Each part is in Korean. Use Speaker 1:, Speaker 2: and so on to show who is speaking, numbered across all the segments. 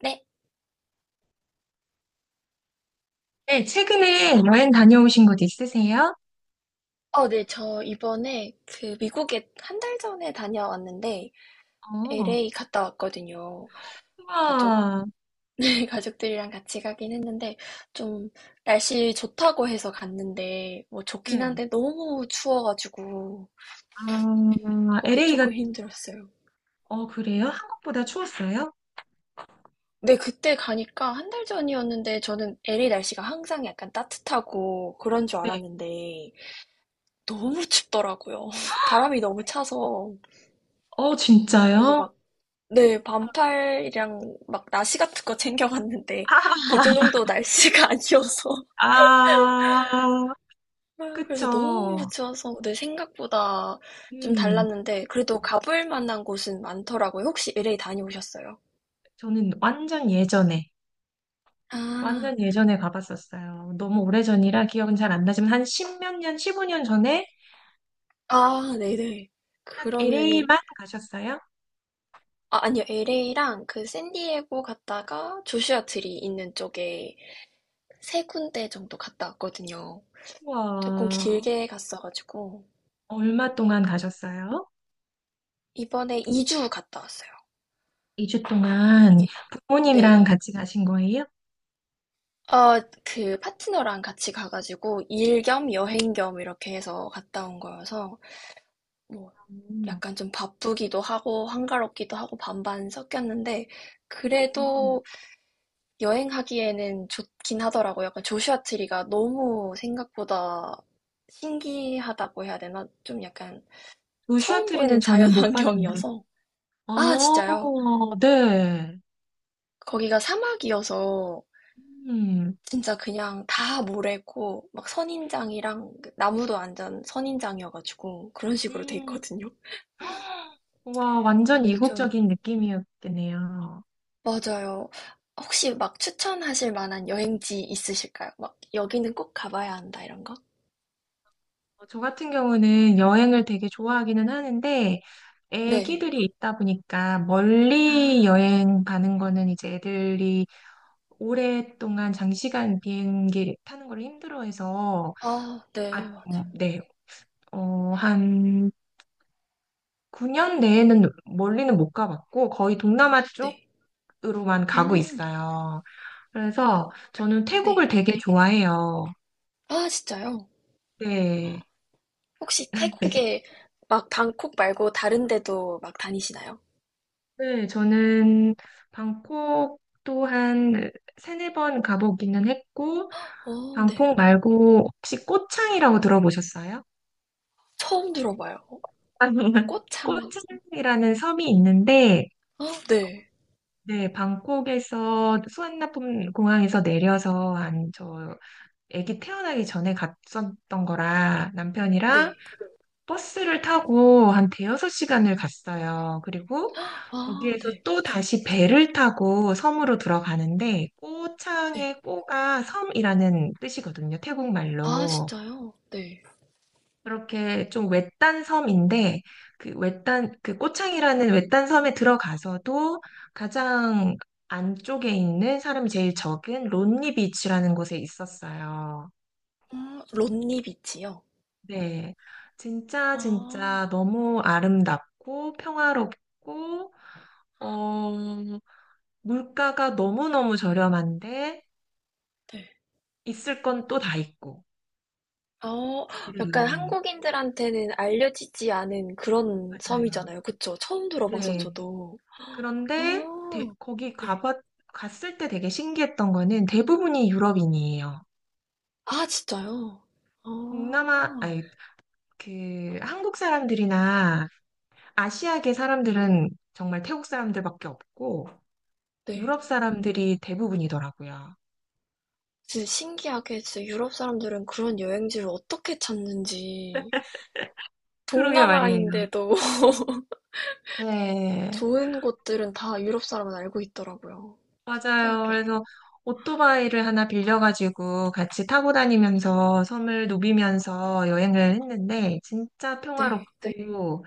Speaker 1: 네.
Speaker 2: 네, 최근에 여행 다녀오신 곳 있으세요?
Speaker 1: 어, 네. 저 이번에 그 미국에 한 달 전에 다녀왔는데
Speaker 2: 어,
Speaker 1: LA 갔다 왔거든요. 가족,
Speaker 2: 와,
Speaker 1: 네, 가족들이랑 같이 가긴 했는데 좀 날씨 좋다고 해서 갔는데 뭐 좋긴
Speaker 2: 네.
Speaker 1: 한데 너무 추워가지고
Speaker 2: 아,
Speaker 1: 거기
Speaker 2: LA가,
Speaker 1: 조금 힘들었어요.
Speaker 2: 어, 그래요? 한국보다 추웠어요?
Speaker 1: 네, 그때 가니까 한 달 전이었는데 저는 LA 날씨가 항상 약간 따뜻하고 그런 줄
Speaker 2: 네.
Speaker 1: 알았는데 너무 춥더라고요. 바람이 너무 차서
Speaker 2: 어,
Speaker 1: 그래서
Speaker 2: 진짜요?
Speaker 1: 막 네, 반팔이랑 막 나시 같은 거 챙겨갔는데 그 정도 날씨가 아니어서
Speaker 2: 아, 아,
Speaker 1: 아, 그래서 너무
Speaker 2: 그쵸.
Speaker 1: 추워서 내 생각보다 좀
Speaker 2: 음,
Speaker 1: 달랐는데 그래도 가볼 만한 곳은 많더라고요. 혹시 LA 다녀오셨어요?
Speaker 2: 저는
Speaker 1: 아,
Speaker 2: 완전 예전에 가봤었어요. 너무 오래전이라 기억은 잘 안 나지만 한 십몇 년, 십오 년 전에
Speaker 1: 아, 네네.
Speaker 2: 딱
Speaker 1: 그러면은
Speaker 2: LA만 가셨어요?
Speaker 1: 아, 아니요. LA랑 그 샌디에고 갔다가 조슈아 트리 있는 쪽에 세 군데 정도 갔다 왔거든요. 조금
Speaker 2: 와,
Speaker 1: 길게 갔어가지고
Speaker 2: 얼마 동안 가셨어요?
Speaker 1: 이번에 이주 갔다 왔어요.
Speaker 2: 2주 동안
Speaker 1: 이게
Speaker 2: 부모님이랑
Speaker 1: 네,
Speaker 2: 같이 가신 거예요?
Speaker 1: 어, 그 파트너랑 같이 가가지고 일 겸 여행 겸 이렇게 해서 갔다 온 거여서 뭐
Speaker 2: 음,
Speaker 1: 약간 좀 바쁘기도 하고 한가롭기도 하고 반반 섞였는데
Speaker 2: 아,
Speaker 1: 그래도 여행하기에는 좋긴 하더라고요. 약간 조슈아 트리가 너무 생각보다 신기하다고 해야 되나? 좀 약간
Speaker 2: 어
Speaker 1: 처음
Speaker 2: 트리는
Speaker 1: 보는 자연
Speaker 2: 저는 못 봤는데.
Speaker 1: 환경이어서
Speaker 2: 아,
Speaker 1: 아, 진짜요?
Speaker 2: 네.
Speaker 1: 거기가 사막이어서
Speaker 2: 음,
Speaker 1: 진짜 그냥 다 모래고 막 선인장이랑 그 나무도 완전 선인장이어가지고 그런 식으로 돼
Speaker 2: 음.
Speaker 1: 있거든요.
Speaker 2: 와, 완전
Speaker 1: 그래서 좀
Speaker 2: 이국적인 느낌이었겠네요.
Speaker 1: 맞아요. 혹시 막 추천하실 만한 여행지 있으실까요? 막 여기는 꼭 가봐야 한다 이런 거?
Speaker 2: 어, 저 같은 경우는 여행을 되게 좋아하기는 하는데,
Speaker 1: 네.
Speaker 2: 애기들이 있다 보니까 멀리
Speaker 1: 아,
Speaker 2: 여행 가는 거는 이제 애들이 오랫동안 장시간 비행기 타는 걸 힘들어해서,
Speaker 1: 아, 네,
Speaker 2: 아,
Speaker 1: 맞아요.
Speaker 2: 네, 어, 한 9년 내에는 멀리는 못 가봤고 거의 동남아
Speaker 1: 네.
Speaker 2: 쪽으로만 가고
Speaker 1: 음,
Speaker 2: 있어요. 그래서 저는 태국을
Speaker 1: 네.
Speaker 2: 되게 좋아해요.
Speaker 1: 아, 진짜요?
Speaker 2: 네.
Speaker 1: 혹시 태국에 막 방콕 말고 다른 데도 막 다니시나요?
Speaker 2: 네, 저는 방콕 또한 세네 번 가보기는 했고,
Speaker 1: 어, 네.
Speaker 2: 방콕 말고 혹시 꼬창이라고 들어보셨어요?
Speaker 1: 처음 들어봐요. 꽃창.
Speaker 2: 꼬창이라는 섬이 있는데,
Speaker 1: 아, 네.
Speaker 2: 네, 방콕에서 수완나품 공항에서 내려서 한저 아기 태어나기 전에 갔었던 거라 남편이랑
Speaker 1: 네.
Speaker 2: 버스를 타고 한 대여섯 시간을 갔어요. 그리고
Speaker 1: 아
Speaker 2: 거기에서
Speaker 1: 네.
Speaker 2: 또 다시 배를 타고 섬으로 들어가는데
Speaker 1: 네.
Speaker 2: 꼬창의 꼬가 섬이라는 뜻이거든요. 태국
Speaker 1: 아
Speaker 2: 말로.
Speaker 1: 진짜요? 네.
Speaker 2: 그렇게 좀 외딴 섬인데 그 외딴 그 꼬창이라는 외딴 섬에 들어가서도 가장 안쪽에 있는 사람이 제일 적은 론니 비치라는 곳에 있었어요.
Speaker 1: 아론 비치요?
Speaker 2: 네, 진짜 진짜
Speaker 1: 아
Speaker 2: 너무 아름답고 평화롭고 어, 물가가 너무너무 저렴한데
Speaker 1: 네.
Speaker 2: 있을 건 또 다 있고
Speaker 1: 어
Speaker 2: 그래요.
Speaker 1: 약간 한국인들한테는 알려지지 않은 그런
Speaker 2: 맞아요.
Speaker 1: 섬이잖아요. 그쵸? 처음 들어봐서
Speaker 2: 네.
Speaker 1: 저도. 아
Speaker 2: 그런데 대- 거기
Speaker 1: 네.
Speaker 2: 가봤 갔을 때 되게 신기했던 거는 대부분이 유럽인이에요.
Speaker 1: 아 진짜요?
Speaker 2: 동남아
Speaker 1: 아
Speaker 2: 아니 그 한국 사람들이나 아시아계 사람들은 정말 태국 사람들밖에 없고
Speaker 1: 네.
Speaker 2: 유럽 사람들이 대부분이더라고요.
Speaker 1: 진짜 신기하게 진짜 유럽 사람들은 그런 여행지를 어떻게 찾는지
Speaker 2: 그러게 말이에요.
Speaker 1: 동남아인데도
Speaker 2: 네,
Speaker 1: 좋은 곳들은 다 유럽 사람은 알고 있더라고요.
Speaker 2: 맞아요.
Speaker 1: 신기하게.
Speaker 2: 그래서 오토바이를 하나 빌려가지고 같이 타고 다니면서 섬을 누비면서 여행을 했는데 진짜, 네,
Speaker 1: 네.
Speaker 2: 평화롭고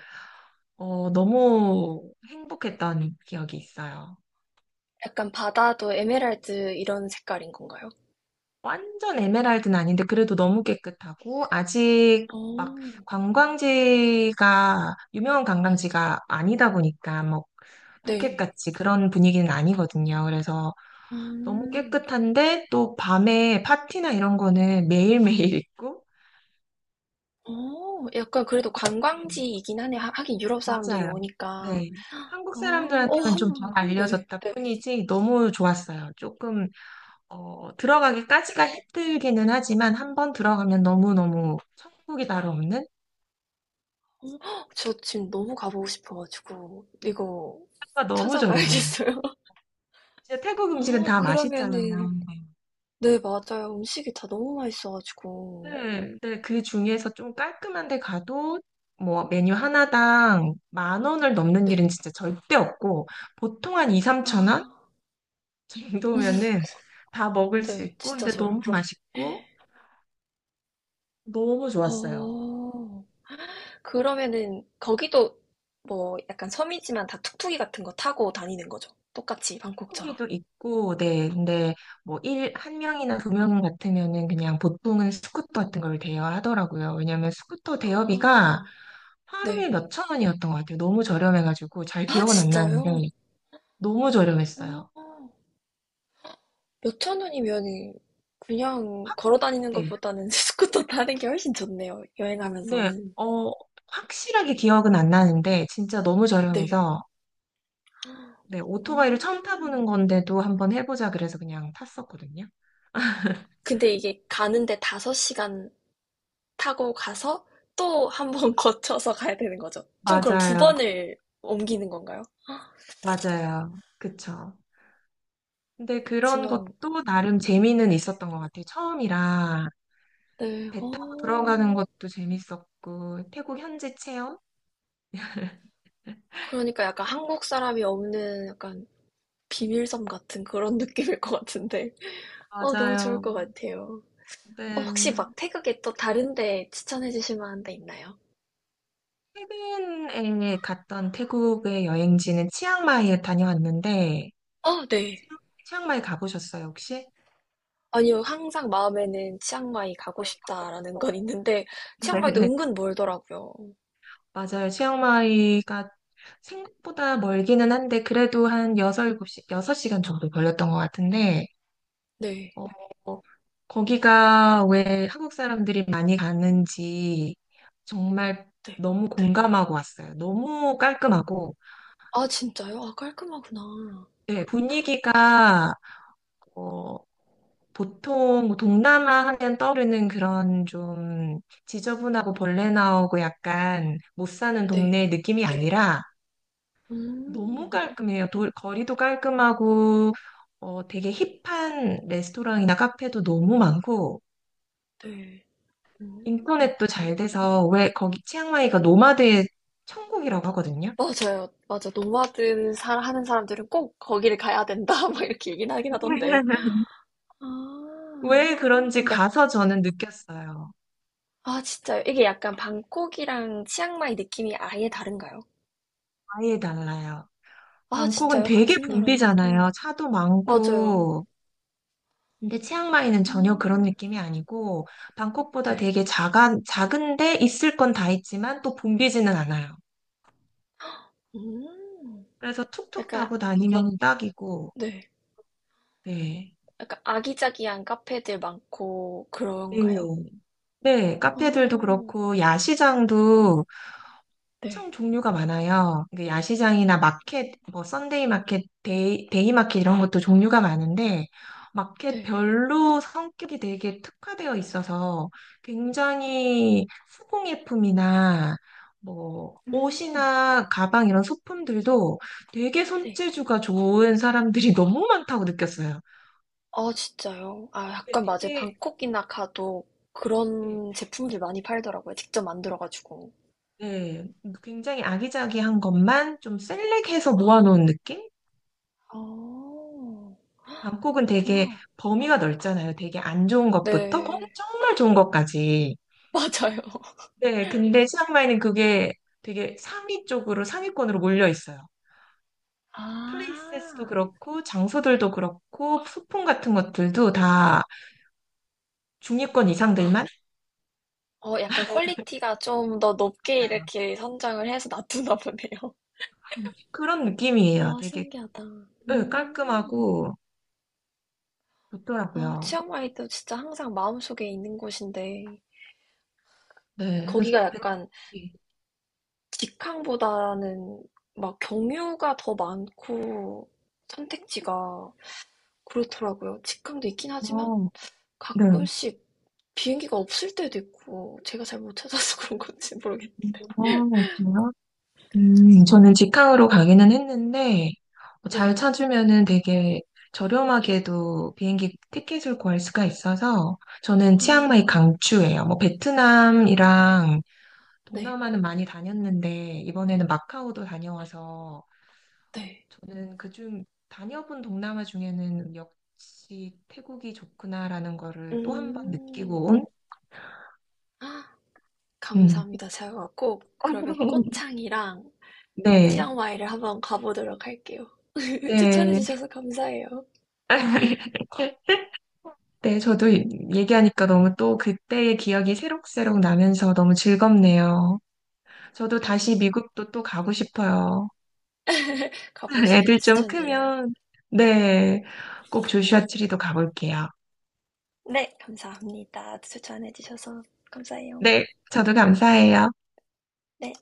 Speaker 2: 어, 너무 행복했던 기억이 있어요.
Speaker 1: 약간 바다도 에메랄드 이런 색깔인 건가요?
Speaker 2: 완전 에메랄드는 아닌데 그래도 너무 깨끗하고 아직 막
Speaker 1: 어.
Speaker 2: 관광지가 유명한 관광지가 아니다 보니까 뭐
Speaker 1: 네.
Speaker 2: 포켓같이 그런 분위기는 아니거든요. 그래서 너무
Speaker 1: 음.
Speaker 2: 깨끗한데 또 밤에 파티나 이런 거는 매일매일 있고.
Speaker 1: 어. 약간 그래도
Speaker 2: 음,
Speaker 1: 관광지이긴 하네 하 하긴 유럽 사람들이
Speaker 2: 맞아요.
Speaker 1: 오니까.
Speaker 2: 네. 한국
Speaker 1: 어. 어
Speaker 2: 사람들한테는 좀 잘
Speaker 1: 한번 네.
Speaker 2: 알려졌다 뿐이지 너무 좋았어요. 조금 어, 들어가기까지가 힘들기는 하지만 한번 들어가면 너무너무 천국이 다로 없는?
Speaker 1: 저 지금 너무 가 보고 싶어 가지고 이거
Speaker 2: 태국 너무 저렴해요.
Speaker 1: 찾아봐야겠어요.
Speaker 2: 진짜 태국 음식은
Speaker 1: 아
Speaker 2: 다 맛있잖아요.
Speaker 1: 그러면은 네 맞아요. 음식이 다 너무 맛있어 가지고.
Speaker 2: 네, 네, 그 중에서 좀 깔끔한 데 가도 뭐 메뉴 하나당 만 원을 넘는 일은
Speaker 1: 네.
Speaker 2: 진짜 절대 없고 보통 한 2, 3천 원
Speaker 1: 아.
Speaker 2: 정도면은 다 먹을 수
Speaker 1: 네.
Speaker 2: 있고
Speaker 1: 진짜
Speaker 2: 근데 너무
Speaker 1: 저라면.
Speaker 2: 맛있고 너무 좋았어요.
Speaker 1: 어. 그러면은 거기도 뭐 약간 섬이지만 다 툭툭이 같은 거 타고 다니는 거죠. 똑같이 방콕처럼.
Speaker 2: 후기도 있고, 네, 근데 뭐 일 한 명이나 두 명 같으면은 그냥 보통은 스쿠터 같은 걸 대여하더라고요. 왜냐면 스쿠터 대여비가
Speaker 1: 아,
Speaker 2: 하루에
Speaker 1: 네.
Speaker 2: 몇 천 원이었던 것 같아요. 너무 저렴해가지고 잘
Speaker 1: 아,
Speaker 2: 기억은 안 나는데
Speaker 1: 진짜요?
Speaker 2: 너무
Speaker 1: 어,
Speaker 2: 저렴했어요.
Speaker 1: 몇천 원이면은 그냥 걸어 다니는
Speaker 2: 네.
Speaker 1: 것보다는 스쿠터 타는 게 훨씬 좋네요.
Speaker 2: 네,
Speaker 1: 여행하면서는.
Speaker 2: 어, 확실하게 기억은 안 나는데, 진짜 너무
Speaker 1: 네.
Speaker 2: 저렴해서, 네,
Speaker 1: 아.
Speaker 2: 오토바이를 처음 타보는 건데도 한번 해보자 그래서 그냥 탔었거든요.
Speaker 1: 근데 이게 가는데 5시간 타고 가서 또 한 번 거쳐서 가야 되는 거죠. 총 그럼 두
Speaker 2: 맞아요,
Speaker 1: 번을 옮기는 건가요?
Speaker 2: 맞아요. 그쵸. 근데 그런
Speaker 1: 그렇지만,
Speaker 2: 것도 나름 재미는
Speaker 1: 네.
Speaker 2: 있었던 것 같아요. 처음이라
Speaker 1: 네.
Speaker 2: 배 타고 들어가는
Speaker 1: 어.
Speaker 2: 것도 재밌었고, 태국 현지 체험?
Speaker 1: 그러니까 약간 한국 사람이 없는 약간 비밀섬 같은 그런 느낌일 것 같은데. 어, 너무 좋을
Speaker 2: 맞아요.
Speaker 1: 것 같아요. 어, 혹시
Speaker 2: 네.
Speaker 1: 막 태국에 또 다른 데 추천해 주실 만한 데 있나요?
Speaker 2: 최근에 갔던 태국의 여행지는 치앙마이에 다녀왔는데,
Speaker 1: 어, 네.
Speaker 2: 치앙- 치앙마이 가보셨어요, 혹시?
Speaker 1: 아니요. 항상 마음에는 치앙마이 가고
Speaker 2: 많이 가고
Speaker 1: 싶다라는
Speaker 2: 싶어요.
Speaker 1: 건 있는데, 치앙마이도
Speaker 2: 네,
Speaker 1: 은근 멀더라고요.
Speaker 2: 맞아요. 치앙마이가 생각보다 멀기는 한데, 그래도 한 6, 7시, 섯시간 정도 걸렸던 것 같은데,
Speaker 1: 네.
Speaker 2: 어, 거기가 왜 한국 사람들이 많이 가는지 정말
Speaker 1: 네.
Speaker 2: 너무 공감하고 왔어요. 너무 깔끔하고,
Speaker 1: 아, 진짜요? 아, 깔끔하구나.
Speaker 2: 네, 분위기가, 어, 보통 뭐 동남아 하면 떠오르는 그런 좀 지저분하고 벌레 나오고 약간 못 사는
Speaker 1: 네.
Speaker 2: 동네 느낌이 아니라, 너무
Speaker 1: 음.
Speaker 2: 깔끔해요. 거리도 깔끔하고 어, 되게 힙한 레스토랑이나 카페도 너무 많고
Speaker 1: 네. 음.
Speaker 2: 인터넷도 잘 돼서, 왜 거기 치앙마이가 노마드의 천국이라고 하거든요.
Speaker 1: 맞아요. 맞아. 노마드 살 하는 사람들은 꼭 거기를 가야 된다. 막 이렇게 얘기는 하긴 하던데. 아,
Speaker 2: 왜 그런지
Speaker 1: 약,
Speaker 2: 가서 저는 느꼈어요.
Speaker 1: 아, 진짜요? 이게 약간 방콕이랑 치앙마이 느낌이 아예 다른가요?
Speaker 2: 아예 달라요.
Speaker 1: 아,
Speaker 2: 방콕은
Speaker 1: 진짜요?
Speaker 2: 되게
Speaker 1: 같은
Speaker 2: 붐비잖아요.
Speaker 1: 나라인데도.
Speaker 2: 차도
Speaker 1: 맞아요.
Speaker 2: 많고. 근데 치앙마이는
Speaker 1: 아,
Speaker 2: 전혀 그런 느낌이 아니고 방콕보다
Speaker 1: 네.
Speaker 2: 되게 작은데 있을 건 다 있지만 또 붐비지는 않아요.
Speaker 1: 음,
Speaker 2: 그래서 툭툭
Speaker 1: 약간,
Speaker 2: 타고 다니면 딱이고,
Speaker 1: 네.
Speaker 2: 네.
Speaker 1: 약간 아기자기한 카페들 많고 그런가요?
Speaker 2: 네, 네, 카페들도
Speaker 1: 아,
Speaker 2: 그렇고, 야시장도 엄청
Speaker 1: 네.
Speaker 2: 종류가 많아요. 이게 야시장이나 마켓, 뭐, 썬데이 마켓, 데이 마켓 이런 것도 종류가 많은데,
Speaker 1: 네.
Speaker 2: 마켓별로 성격이 되게 특화되어 있어서 굉장히 수공예품이나 뭐,
Speaker 1: 음,
Speaker 2: 옷이나 가방 이런 소품들도 되게
Speaker 1: 네.
Speaker 2: 손재주가 좋은 사람들이 너무 많다고 느꼈어요.
Speaker 1: 아 진짜요? 아
Speaker 2: 네,
Speaker 1: 약간 맞아요.
Speaker 2: 되게.
Speaker 1: 방콕이나 가도
Speaker 2: 네.
Speaker 1: 그런 제품들 많이 팔더라고요. 직접 만들어 가지고.
Speaker 2: 네, 그러니까 굉장히 아기자기한 것만 좀 셀렉해서 모아놓은 느낌?
Speaker 1: 아
Speaker 2: 방콕은 되게
Speaker 1: 그렇구나.
Speaker 2: 범위가 넓잖아요. 되게 안 좋은 것부터
Speaker 1: 네.
Speaker 2: 정말 좋은 것까지.
Speaker 1: 맞아요.
Speaker 2: 네, 근데 치앙마이는 그게 되게 상위 쪽으로 상위권으로 몰려 있어요. 플레이스도
Speaker 1: 아.
Speaker 2: 그렇고 장소들도 그렇고 소품 같은 것들도 다 중위권 이상들만.
Speaker 1: 어 약간 퀄리티가 좀 더 높게
Speaker 2: 맞아요.
Speaker 1: 이렇게 선정을 해서 놔두나 보네요.
Speaker 2: 그런 느낌이에요.
Speaker 1: 아
Speaker 2: 되게.
Speaker 1: 신기하다.
Speaker 2: 네,
Speaker 1: 음.
Speaker 2: 깔끔하고
Speaker 1: 아
Speaker 2: 좋더라고요.
Speaker 1: 치앙마이도 진짜 항상 마음속에 있는 곳인데
Speaker 2: 네, 그래서
Speaker 1: 거기가 약간 직항보다는 막 경유가 더 많고 선택지가 그렇더라고요. 직항도 있긴 하지만
Speaker 2: 어, 네.
Speaker 1: 가끔씩 비행기가 없을 때도 있고 제가 잘 못 찾아서 그런 건지 모르겠...
Speaker 2: 어, 그래요? 저는 직항으로 가기는 했는데, 잘
Speaker 1: 네.
Speaker 2: 찾으면은 되게 저렴하게도 비행기 티켓을 구할 수가 있어서, 저는
Speaker 1: 아,
Speaker 2: 치앙마이 강추예요. 뭐, 베트남이랑
Speaker 1: 네,
Speaker 2: 동남아는 많이 다녔는데, 이번에는 마카오도 다녀와서,
Speaker 1: 네.
Speaker 2: 저는 그중 다녀본 동남아 중에는 역시 태국이 좋구나라는 거를 또 한 번
Speaker 1: 음,
Speaker 2: 느끼고 온,
Speaker 1: 아,
Speaker 2: 음,
Speaker 1: 감사합니다. 제가 꼭 그러면 꼬창이랑
Speaker 2: 네,
Speaker 1: 치앙마이를 한번 가보도록 할게요.
Speaker 2: 네.
Speaker 1: 추천해주셔서 감사해요.
Speaker 2: 네, 저도 얘기하니까 너무 또 그때의 기억이 새록새록 나면서 너무 즐겁네요. 저도
Speaker 1: 네,
Speaker 2: 다시 미국도 또 가고 싶어요.
Speaker 1: 가보시길
Speaker 2: 애들 좀
Speaker 1: 추천드려요.
Speaker 2: 크면, 네, 꼭 조슈아 트리도 가볼게요.
Speaker 1: 네, 감사합니다. 추천해주셔서 감사해요.
Speaker 2: 네, 저도 감사해요.
Speaker 1: 네.